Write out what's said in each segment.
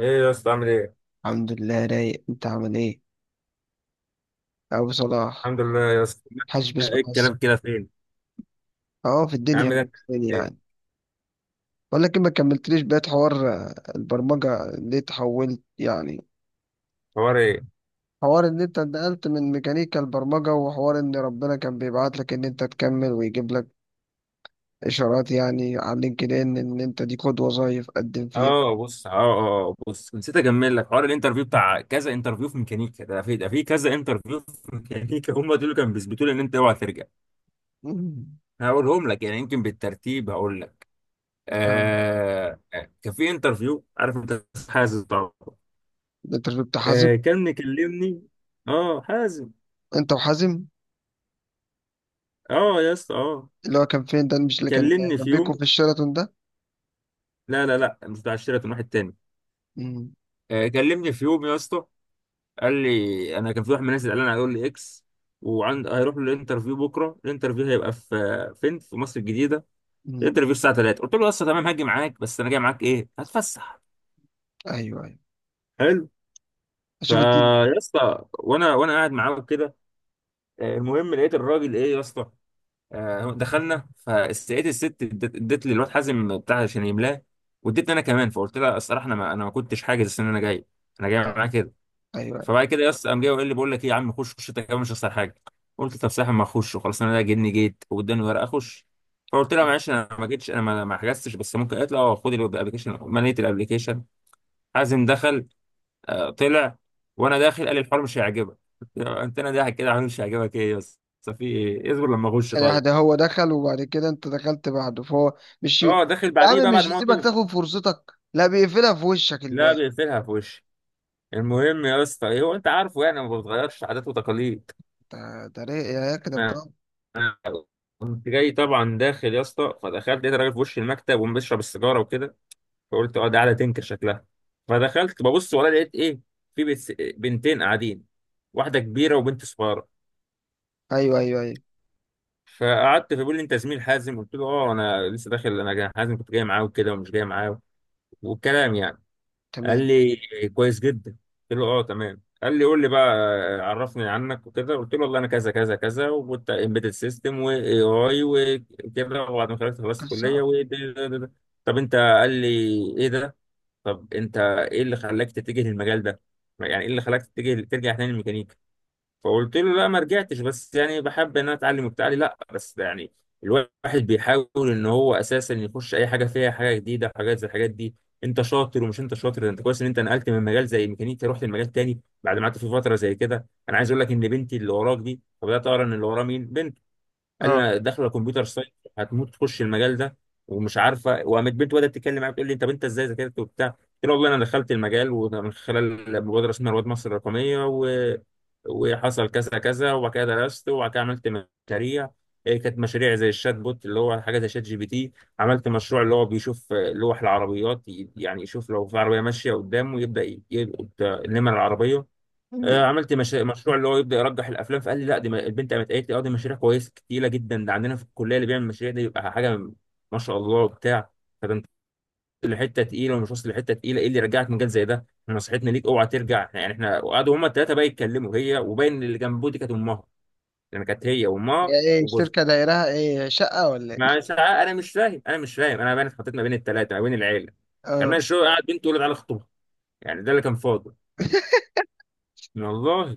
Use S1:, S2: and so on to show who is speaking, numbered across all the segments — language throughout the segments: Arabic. S1: ايه يا اسطى عامل ايه؟
S2: الحمد لله رايق، انت عامل ايه ابو صلاح؟
S1: الحمد لله يا اسطى.
S2: حاج
S1: ايه
S2: باسمك بس.
S1: الكلام كده فين؟
S2: اه، في
S1: يا عم
S2: الدنيا
S1: ده انت
S2: في الدنيا
S1: ايه؟
S2: يعني. بقول لك إيه، ما كملتليش بقية حوار آه، البرمجة ليه تحولت يعني.
S1: حوار ايه؟
S2: حوار ان انت انتقلت من ميكانيكا البرمجة، وحوار ان ربنا كان بيبعت لك ان انت تكمل ويجيب لك اشارات يعني على لينكد ان ان انت دي خد وظايف قدم فيها.
S1: اه بص اه اه آه، بص نسيت اكمل لك حوار الانترفيو بتاع كذا انترفيو في ميكانيكا، ده في ده في كذا انترفيو في ميكانيكا. هم دول كانوا بيثبتوا لي ان انت اوعى ترجع.
S2: مم.
S1: هقولهم لك، يمكن بالترتيب هقول لك.
S2: اه،
S1: آه، كان في انترفيو، عارف انت حازم طبعا،
S2: انت كنت حازم.
S1: آه، كان مكلمني. اه حازم.
S2: انت وحازم
S1: اه يا اسطى اه،
S2: اللي هو كان فين، ده مش اللي كان
S1: كلمني في يوم.
S2: جنبيكوا في الشيراتون ده؟
S1: لا لا لا، مش بتاع الشركه، واحد تاني.
S2: مم.
S1: كلمني في يوم يا اسطى، قال لي، انا كان في واحد من الناس اللي قال انا هيقول لي اكس، وعند هيروح له الانترفيو بكره. الانترفيو هيبقى في فين؟ في مصر الجديده.
S2: مم.
S1: الانترفيو الساعه 3. قلت له يا اسطى تمام، هاجي معاك، بس انا جاي معاك ايه؟ هتفسح.
S2: ايوه ايوه،
S1: حلو.
S2: اشوف التيم.
S1: فيا اسطى، وانا قاعد معاه كده، المهم، لقيت الراجل ايه يا اسطى، دخلنا، فلقيت الست ادت لي الواد حازم بتاع عشان يملاه، وادتني انا كمان. فقلت لها الصراحه، انا ما كنتش حاجز ان انا جاي، انا جاي
S2: آه.
S1: معاك.
S2: ايوه.
S1: فبعد كده يس قام جاي وقال لي، بقول لك ايه يا عم، خش خش انت كمان، مش هخسر حاجه. قلت، طب ساحب، ما اخش وخلاص، انا ده جني جيت واداني ورقه اخش. فقلت لها،
S2: أيوة.
S1: معلش انا ما جيتش، انا ما حجزتش، بس ممكن؟ قالت لي اه خد الابلكيشن. مليت الابلكيشن. حازم دخل، طلع، وانا داخل قال لي الحوار مش هيعجبك. قلت له انت انا ضاحك كده، عامل مش هيعجبك، ايه يس، بس في ايه؟ اصبر لما اخش،
S2: سيح،
S1: طيب.
S2: ده هو دخل وبعد كده انت دخلت بعده، فهو مش يا
S1: اه داخل بعديه
S2: عم
S1: بقى بعد
S2: مش
S1: ما هو
S2: يسيبك
S1: طلع.
S2: تاخد فرصتك، لا بيقفلها في وشك
S1: لا
S2: الباقي.
S1: بيقفلها في وشي. المهم يا اسطى، هو انت عارفه يعني، ما بتغيرش عادات وتقاليد.
S2: ده يا كده بضل.
S1: انا كنت جاي طبعا داخل يا اسطى، فدخلت لقيت راجل في وش المكتب وبيشرب السيجاره وكده. فقلت اه ده قاعده تنكر شكلها. فدخلت ببص، ولا لقيت ايه؟ في بنتين قاعدين، واحده كبيره وبنت صغيره.
S2: ايوه ايوه ايوه،
S1: فقعدت، فبيقول لي انت زميل حازم؟ قلت له اه، انا لسه داخل، انا حازم كنت جاي معاه وكده، ومش جاي معاه، والكلام يعني. قال
S2: تمام.
S1: لي كويس جدا. قلت له اه تمام. قال لي قول لي بقى، عرفني عنك وكده. قلت له، والله انا كذا كذا كذا، وكنت امبيدد سيستم واي اي وكده، وبعد ما خلصت خلصت كليه
S2: قصة.
S1: و ده- ده- ده- ده. طب انت، قال لي، ايه ده؟ طب انت ايه اللي خلاك تتجه للمجال ده؟ يعني ايه اللي خلاك تتجه ترجع تاني للميكانيكا؟ فقلت له لا ما رجعتش، بس يعني بحب ان انا اتعلم وبتاع لي، لا بس يعني الواحد بيحاول ان هو اساسا يخش اي حاجه فيها حاجه جديده، حاجات زي الحاجات دي. انت شاطر، ومش انت شاطر ده، انت كويس ان انت نقلت من مجال زي ميكانيكا رحت لمجال تاني بعد ما قعدت في فتره زي كده. انا عايز اقول لك ان بنتي اللي وراك دي. فبدات اقرا ان اللي وراه مين. بنت. قال لي
S2: اه،
S1: انا داخله كمبيوتر ساينس. هتموت تخش المجال ده ومش عارفه. وقامت بنت بدات تتكلم معايا، بتقول لي طب انت بنت، ازاي ذاكرت وبتاع؟ قلت لها والله انا دخلت المجال ومن خلال مبادره اسمها رواد مصر الرقميه وحصل كذا كذا، وبعد كده درست، وبعد كده عملت مشاريع، كانت مشاريع زي الشات بوت اللي هو حاجه زي شات جي بي تي. عملت مشروع اللي هو بيشوف، لوح العربيات، يعني يشوف لو في عربيه ماشيه قدامه يبدا يلقط، نمر العربيه. عملت مش... مشروع اللي هو يبدا يرجح الافلام. فقال لي لا دي البنت قامت قالت لي اه دي مشاريع كويسه تقيله جدا، ده عندنا في الكليه اللي بيعمل مشاريع دي بيبقى حاجه ما شاء الله وبتاع. فده انت واصل لحته تقيله، ومش واصل لحته تقيله، ايه اللي يرجعك مجال زي ده؟ نصيحتنا ليك اوعى ترجع. يعني احنا. وقعدوا هما الثلاثه بقى يتكلموا، هي وباين اللي جنبه دي كانت امها، لان كانت هي وامها
S2: هي ايه
S1: وجوزها
S2: الشركة، دايرها ايه شقة ولا ايه؟
S1: مع ساعة. انا مش فاهم، انا مش فاهم، انا بقى اتحطيت ما بين الثلاثه، ما بين العيله
S2: اه.
S1: كمان، شو قاعد بنت تقول له تعالى خطوبه، يعني ده اللي كان فاضل، والله.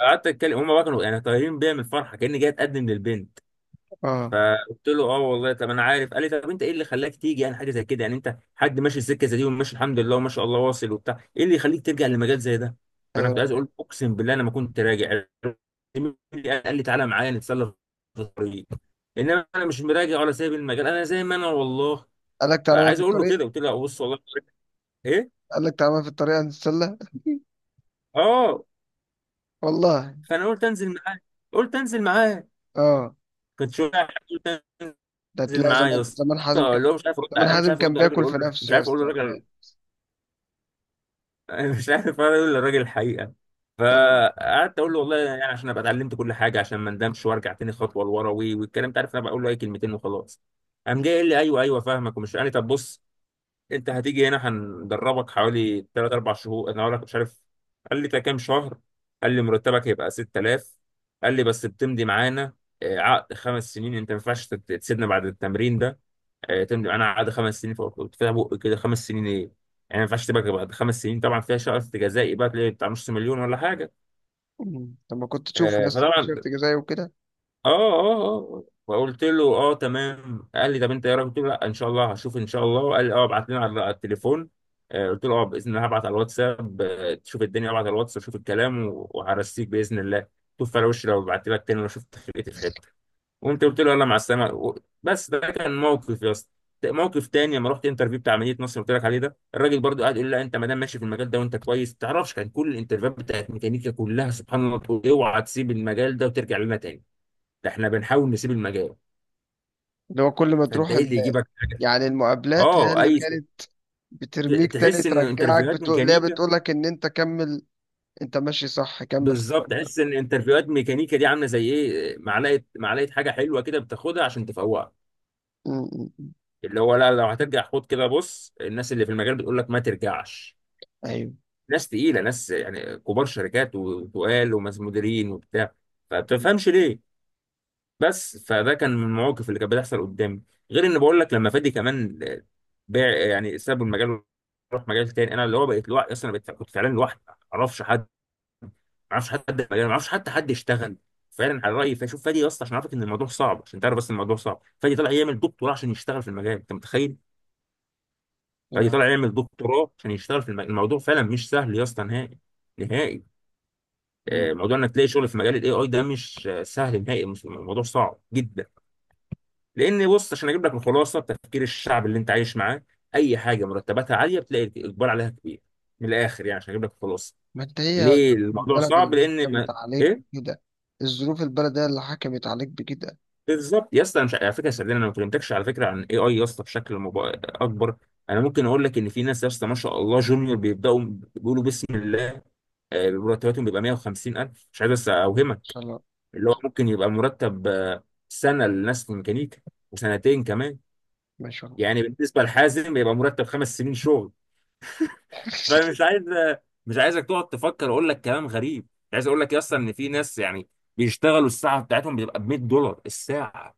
S1: قعدت اتكلم، هما بقى كانوا يعني طايرين بيا من الفرحه كاني جاي اتقدم للبنت.
S2: اه.
S1: قلت له اه والله، طب انا عارف. قال لي طب انت ايه اللي خلاك تيجي يعني حاجه زي كده؟ يعني انت حد ماشي السكه زي دي وماشي الحمد لله وما شاء الله واصل وبتاع، ايه اللي يخليك ترجع لمجال زي ده؟ فانا كنت عايز
S2: ايوه،
S1: اقول، اقسم بالله انا ما كنت راجع. قال لي تعالى معايا نتسلى في الطريق. انما انا مش مراجع ولا سايب المجال، انا زي ما انا والله.
S2: قال لك تعالى بقى في
S1: فعايز اقول له
S2: الطريق؟
S1: كده، قلت له بص والله، ايه،
S2: قال لك تعالى بقى في الطريق هنتسلى؟
S1: اه،
S2: والله.
S1: فانا قلت انزل معاه. قلت انزل معاه.
S2: اه،
S1: كنت شويه. قلت،
S2: ده
S1: نزل
S2: تلاقي
S1: معاه يا
S2: زمان
S1: اسطى،
S2: حازم كان،
S1: اللي هو مش عارف
S2: زمان
S1: انا مش
S2: حازم
S1: عارف
S2: كان
S1: ارد على الراجل،
S2: بياكل في
S1: اقول له مش
S2: نفسه يا
S1: عارف، اقول له
S2: اسطى هتلاقي.
S1: الراجل، أنا مش عارف اقول للراجل الحقيقه.
S2: اه.
S1: فقعدت اقول له والله يعني عشان ابقى اتعلمت كل حاجه عشان ما ندمش وارجع تاني خطوه لورا والكلام ده، عارف انا بقول له اي كلمتين وخلاص. قام جاي قال لي ايوه ايوه فاهمك، ومش قال لي طب بص، انت هتيجي هنا هندربك حوالي 3 4 شهور. انا اقول لك مش عارف، قال لي ده كام شهر. قال لي مرتبك هيبقى 6000. قال لي بس بتمضي معانا، عقد خمس سنين، انت ما ينفعش تسيبنا بعد التمرين ده. تمضي معانا عقد خمس سنين، فوق، كنت فيها بق كده خمس سنين ايه. يعني ما ينفعش تبقى بعد خمس سنين، طبعا فيها شرط جزائي بقى، تلاقي بتاع نص مليون ولا حاجه.
S2: مم. طب ما كنت تشوف يا اسطى في شرط
S1: فطبعا،
S2: جزائي وكده.
S1: فقلت له اه تمام. قال لي طب انت ايه رايك؟ قلت له لا ان شاء الله هشوف ان شاء الله. قال لي اه ابعت لنا على التليفون. قلت له اه باذن الله هبعت على الواتساب، تشوف الدنيا، ابعت على الواتساب، شوف الكلام وهرسيك باذن الله. شوف على وشي لو بعت لك تاني، لو شفت فرقتي في حته. قمت قلت له يلا مع السلامه بس ده كان موقف يا اسطى. موقف تاني لما رحت انترفيو بتاع مدينه نصر اللي قلت لك عليه ده، الراجل برضو قاعد يقول لي لا انت ما دام ماشي في المجال ده وانت كويس ما تعرفش. كان كل الانترفيوهات بتاعت ميكانيكا كلها سبحان الله تقول اوعى تسيب المجال ده وترجع لنا تاني. ده احنا بنحاول نسيب المجال،
S2: اللي هو كل ما تروح
S1: فانت ايه اللي يجيبك حاجه؟
S2: يعني المقابلات هي
S1: اه
S2: اللي
S1: اي،
S2: كانت بترميك تاني
S1: تحس ان
S2: ترجعك،
S1: انترفيوهات
S2: بتقول ليه،
S1: ميكانيكا،
S2: بتقول لك ان انت كمل، انت ماشي صح كمل في
S1: بالظبط،
S2: الطريق.
S1: تحس ان انترفيوهات ميكانيكا دي عامله زي ايه، معلقه، معلقه حاجه حلوه كده بتاخدها عشان تفوقك،
S2: مم. مم.
S1: اللي هو لا لو هترجع خد كده بص، الناس اللي في المجال بتقول لك ما ترجعش،
S2: ايوه.
S1: ناس تقيله، ناس يعني كبار شركات وتقال، وناس مديرين وبتاع،
S2: مم.
S1: فبتفهمش ليه. بس فده كان من المواقف اللي كانت بتحصل قدامي. غير ان بقول لك، لما فادي كمان، باع يعني ساب المجال وراح مجال تاني، انا اللي هو بقيت لوحدي اصلا، بقيت كنت فعلا لوحدي، ما اعرفش حد، ما اعرفش حد في المجال، ما اعرفش حتى حد يشتغل فعلا على رايي. فشوف فادي اصلا عشان اعرفك ان الموضوع صعب، عشان تعرف بس إن الموضوع صعب، فادي طلع يعمل دكتوراه عشان يشتغل في المجال، انت متخيل؟ فادي
S2: يا رب.
S1: طلع يعمل دكتوراه عشان يشتغل في المجال. الموضوع فعلا مش سهل يا اسطى نهائي، نهائي.
S2: مم.
S1: موضوع انك تلاقي شغل في مجال الاي اي ده مش سهل نهائي، الموضوع صعب جدا. لان بص عشان اجيب لك الخلاصه، تفكير الشعب اللي انت عايش معاه، اي حاجه مرتباتها عاليه بتلاقي الاقبال عليها كبير. من الاخر يعني، عشان اجيب لك الخلاصه،
S2: ما انت هي
S1: ليه الموضوع
S2: البلد
S1: صعب،
S2: اللي
S1: لان
S2: حكمت
S1: ما...
S2: عليك
S1: ايه،
S2: بكده، الظروف، البلد هي اللي حكمت عليك بكده. ان
S1: بالظبط يا اسطى. أنا مش على فكره صدقني، انا ما كلمتكش على فكره عن اي اي يا اسطى بشكل اكبر. انا ممكن اقول لك ان في ناس يا اسطى ما شاء الله، جونيور بيبداوا بيقولوا بسم الله، مرتباتهم بيبقى 150,000، مش عايز بس اوهمك،
S2: شاء الله.
S1: اللي هو ممكن يبقى مرتب، سنة لناس في ميكانيكا، وسنتين كمان.
S2: ما شاء الله.
S1: يعني بالنسبة لحازم يبقى مرتب خمس سنين شغل. فمش عايز، مش عايزك تقعد تفكر اقول لك كلام غريب. عايز اقول لك اصلا ان في ناس يعني بيشتغلوا، الساعة بتاعتهم بتبقى ب $100 الساعة.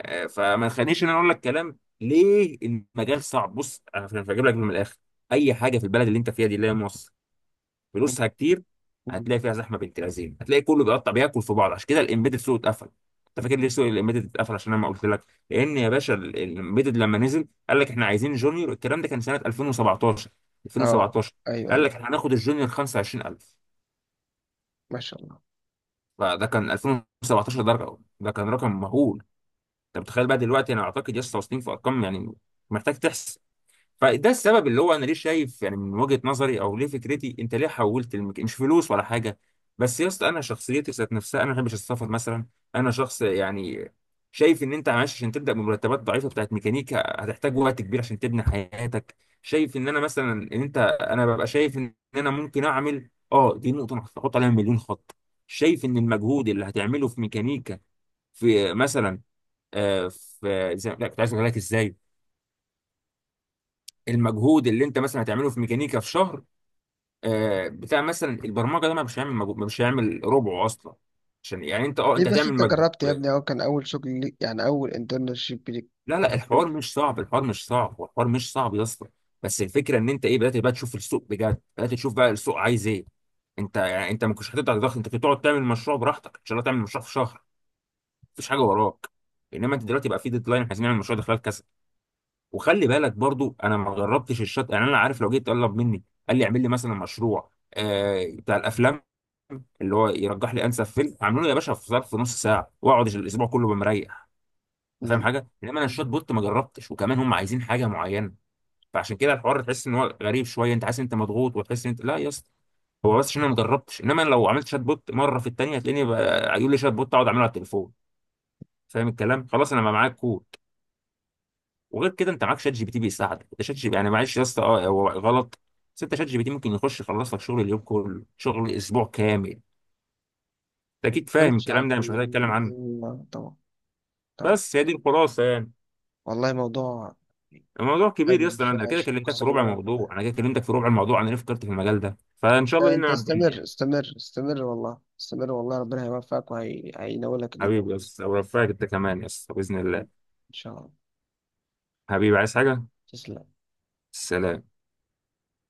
S1: فما تخلينيش ان انا اقول لك كلام ليه المجال صعب، بص انا بجيب لك من الاخر، اي حاجة في البلد اللي انت فيها دي اللي هي مصر
S2: مم.
S1: فلوسها كتير،
S2: مم.
S1: هتلاقي فيها زحمه بنت لذينه، هتلاقي كله بيقطع بياكل في بعض، عشان كده الامبيدد سوق اتقفل. انت فاكر ليه سوق الامبيدد اتقفل؟ عشان انا ما قلت لك، لان يا باشا الامبيدد لما نزل قال لك احنا عايزين جونيور، الكلام ده كان سنه 2017،
S2: اه.
S1: 2017،
S2: ايوه
S1: قال
S2: ايوه،
S1: لك احنا هناخد الجونيور 25,000.
S2: ما شاء الله.
S1: فده كان 2017، ده كان رقم مهول. انت متخيل بقى دلوقتي، انا اعتقد لسه واصلين في ارقام يعني، محتاج تحسب. فده السبب اللي هو انا ليه شايف، يعني من وجهة نظري او ليه فكرتي انت ليه حولت مش فلوس ولا حاجه، بس يا اسطى انا شخصيتي ذات نفسها، انا ما بحبش السفر مثلا. انا شخص يعني شايف ان انت معلش عشان تبدا بمرتبات ضعيفه بتاعت ميكانيكا هتحتاج وقت كبير عشان تبني حياتك. شايف ان انا مثلا ان انت، انا ببقى شايف ان انا ممكن اعمل اه، دي نقطه أنا هحط عليها مليون خط، شايف ان المجهود اللي هتعمله في ميكانيكا في مثلا، لا كنت عايز اقول لك ازاي، المجهود اللي انت مثلا هتعمله في ميكانيكا في شهر، بتاع مثلا البرمجه ده ما، مش هيعمل مجهود، مش هيعمل ربعه اصلا، عشان يعني انت اه
S2: ليه
S1: انت
S2: بس
S1: هتعمل
S2: انت جربت يا
S1: مجهود.
S2: ابني، اهو كان اول شغل ليك يعني، اول انترنشيب ليك.
S1: لا لا الحوار مش صعب، الحوار مش صعب، هو الحوار مش صعب يا اسطى، بس الفكره ان انت ايه، بدات بقى تشوف السوق بجد، بدات تشوف بقى السوق عايز ايه. انت يعني، انت ما كنتش هتقدر تضغط، انت كنت تقعد تعمل مشروع براحتك ان شاء الله، تعمل مشروع في شهر، مفيش حاجه وراك، انما انت دلوقتي بقى في ديدلاين، احنا عايزين نعمل مشروع ده خلال كذا. وخلي بالك برضو انا ما جربتش الشط يعني، انا عارف لو جيت طلب مني قال لي اعمل لي مثلا مشروع آه بتاع الافلام اللي هو يرجح لي انسب فيلم اعمله له يا باشا، في ظرف نص ساعه، واقعد الاسبوع كله بمريح، انت فاهم
S2: مم.
S1: حاجه؟ انما انا الشوت بوت ما جربتش، وكمان هم عايزين حاجه معينه. فعشان كده الحوار تحس ان هو غريب شويه، انت حاسس إن انت مضغوط، وتحس إن انت لا يا اسطى. هو بس عشان انا ما جربتش، انما أنا لو عملت شات بوت مره في الثانيه هتلاقيني يقول لي شات بوت اقعد اعمله على التليفون، فاهم الكلام، خلاص انا ما معاك كور. وغير كده انت معاك شات جي بي تي بيساعدك، انت شات جي بي يعني، معلش يا اسطى اه هو غلط، بس انت شات جي بي تي ممكن يخش يخلص لك شغل اليوم كله، شغل اسبوع كامل، انت اكيد فاهم
S2: مش
S1: الكلام ده، انا مش محتاج
S2: عليه.
S1: اتكلم عنه.
S2: أيوة، طبعا. طبعا.
S1: بس هي دي الخلاصه يعني.
S2: والله موضوع
S1: الموضوع كبير يا
S2: حلو،
S1: اسطى،
S2: شوية
S1: انا كده
S2: عايش
S1: كلمتك
S2: قصة
S1: في ربع
S2: جميلة.
S1: الموضوع، انا كده كلمتك في ربع الموضوع، انا ليه فكرت في المجال ده. فان شاء الله
S2: لا،
S1: لينا
S2: أنت
S1: عبد
S2: استمر
S1: يعني.
S2: استمر استمر، والله استمر والله ربنا هيوفقك وهينولك اللي أنت
S1: حبيبي يا اسطى، ورفعك انت كمان يا اسطى باذن
S2: فيه.
S1: الله.
S2: إن شاء الله.
S1: حبيبي، عايز حاجه؟
S2: تسلم.
S1: سلام.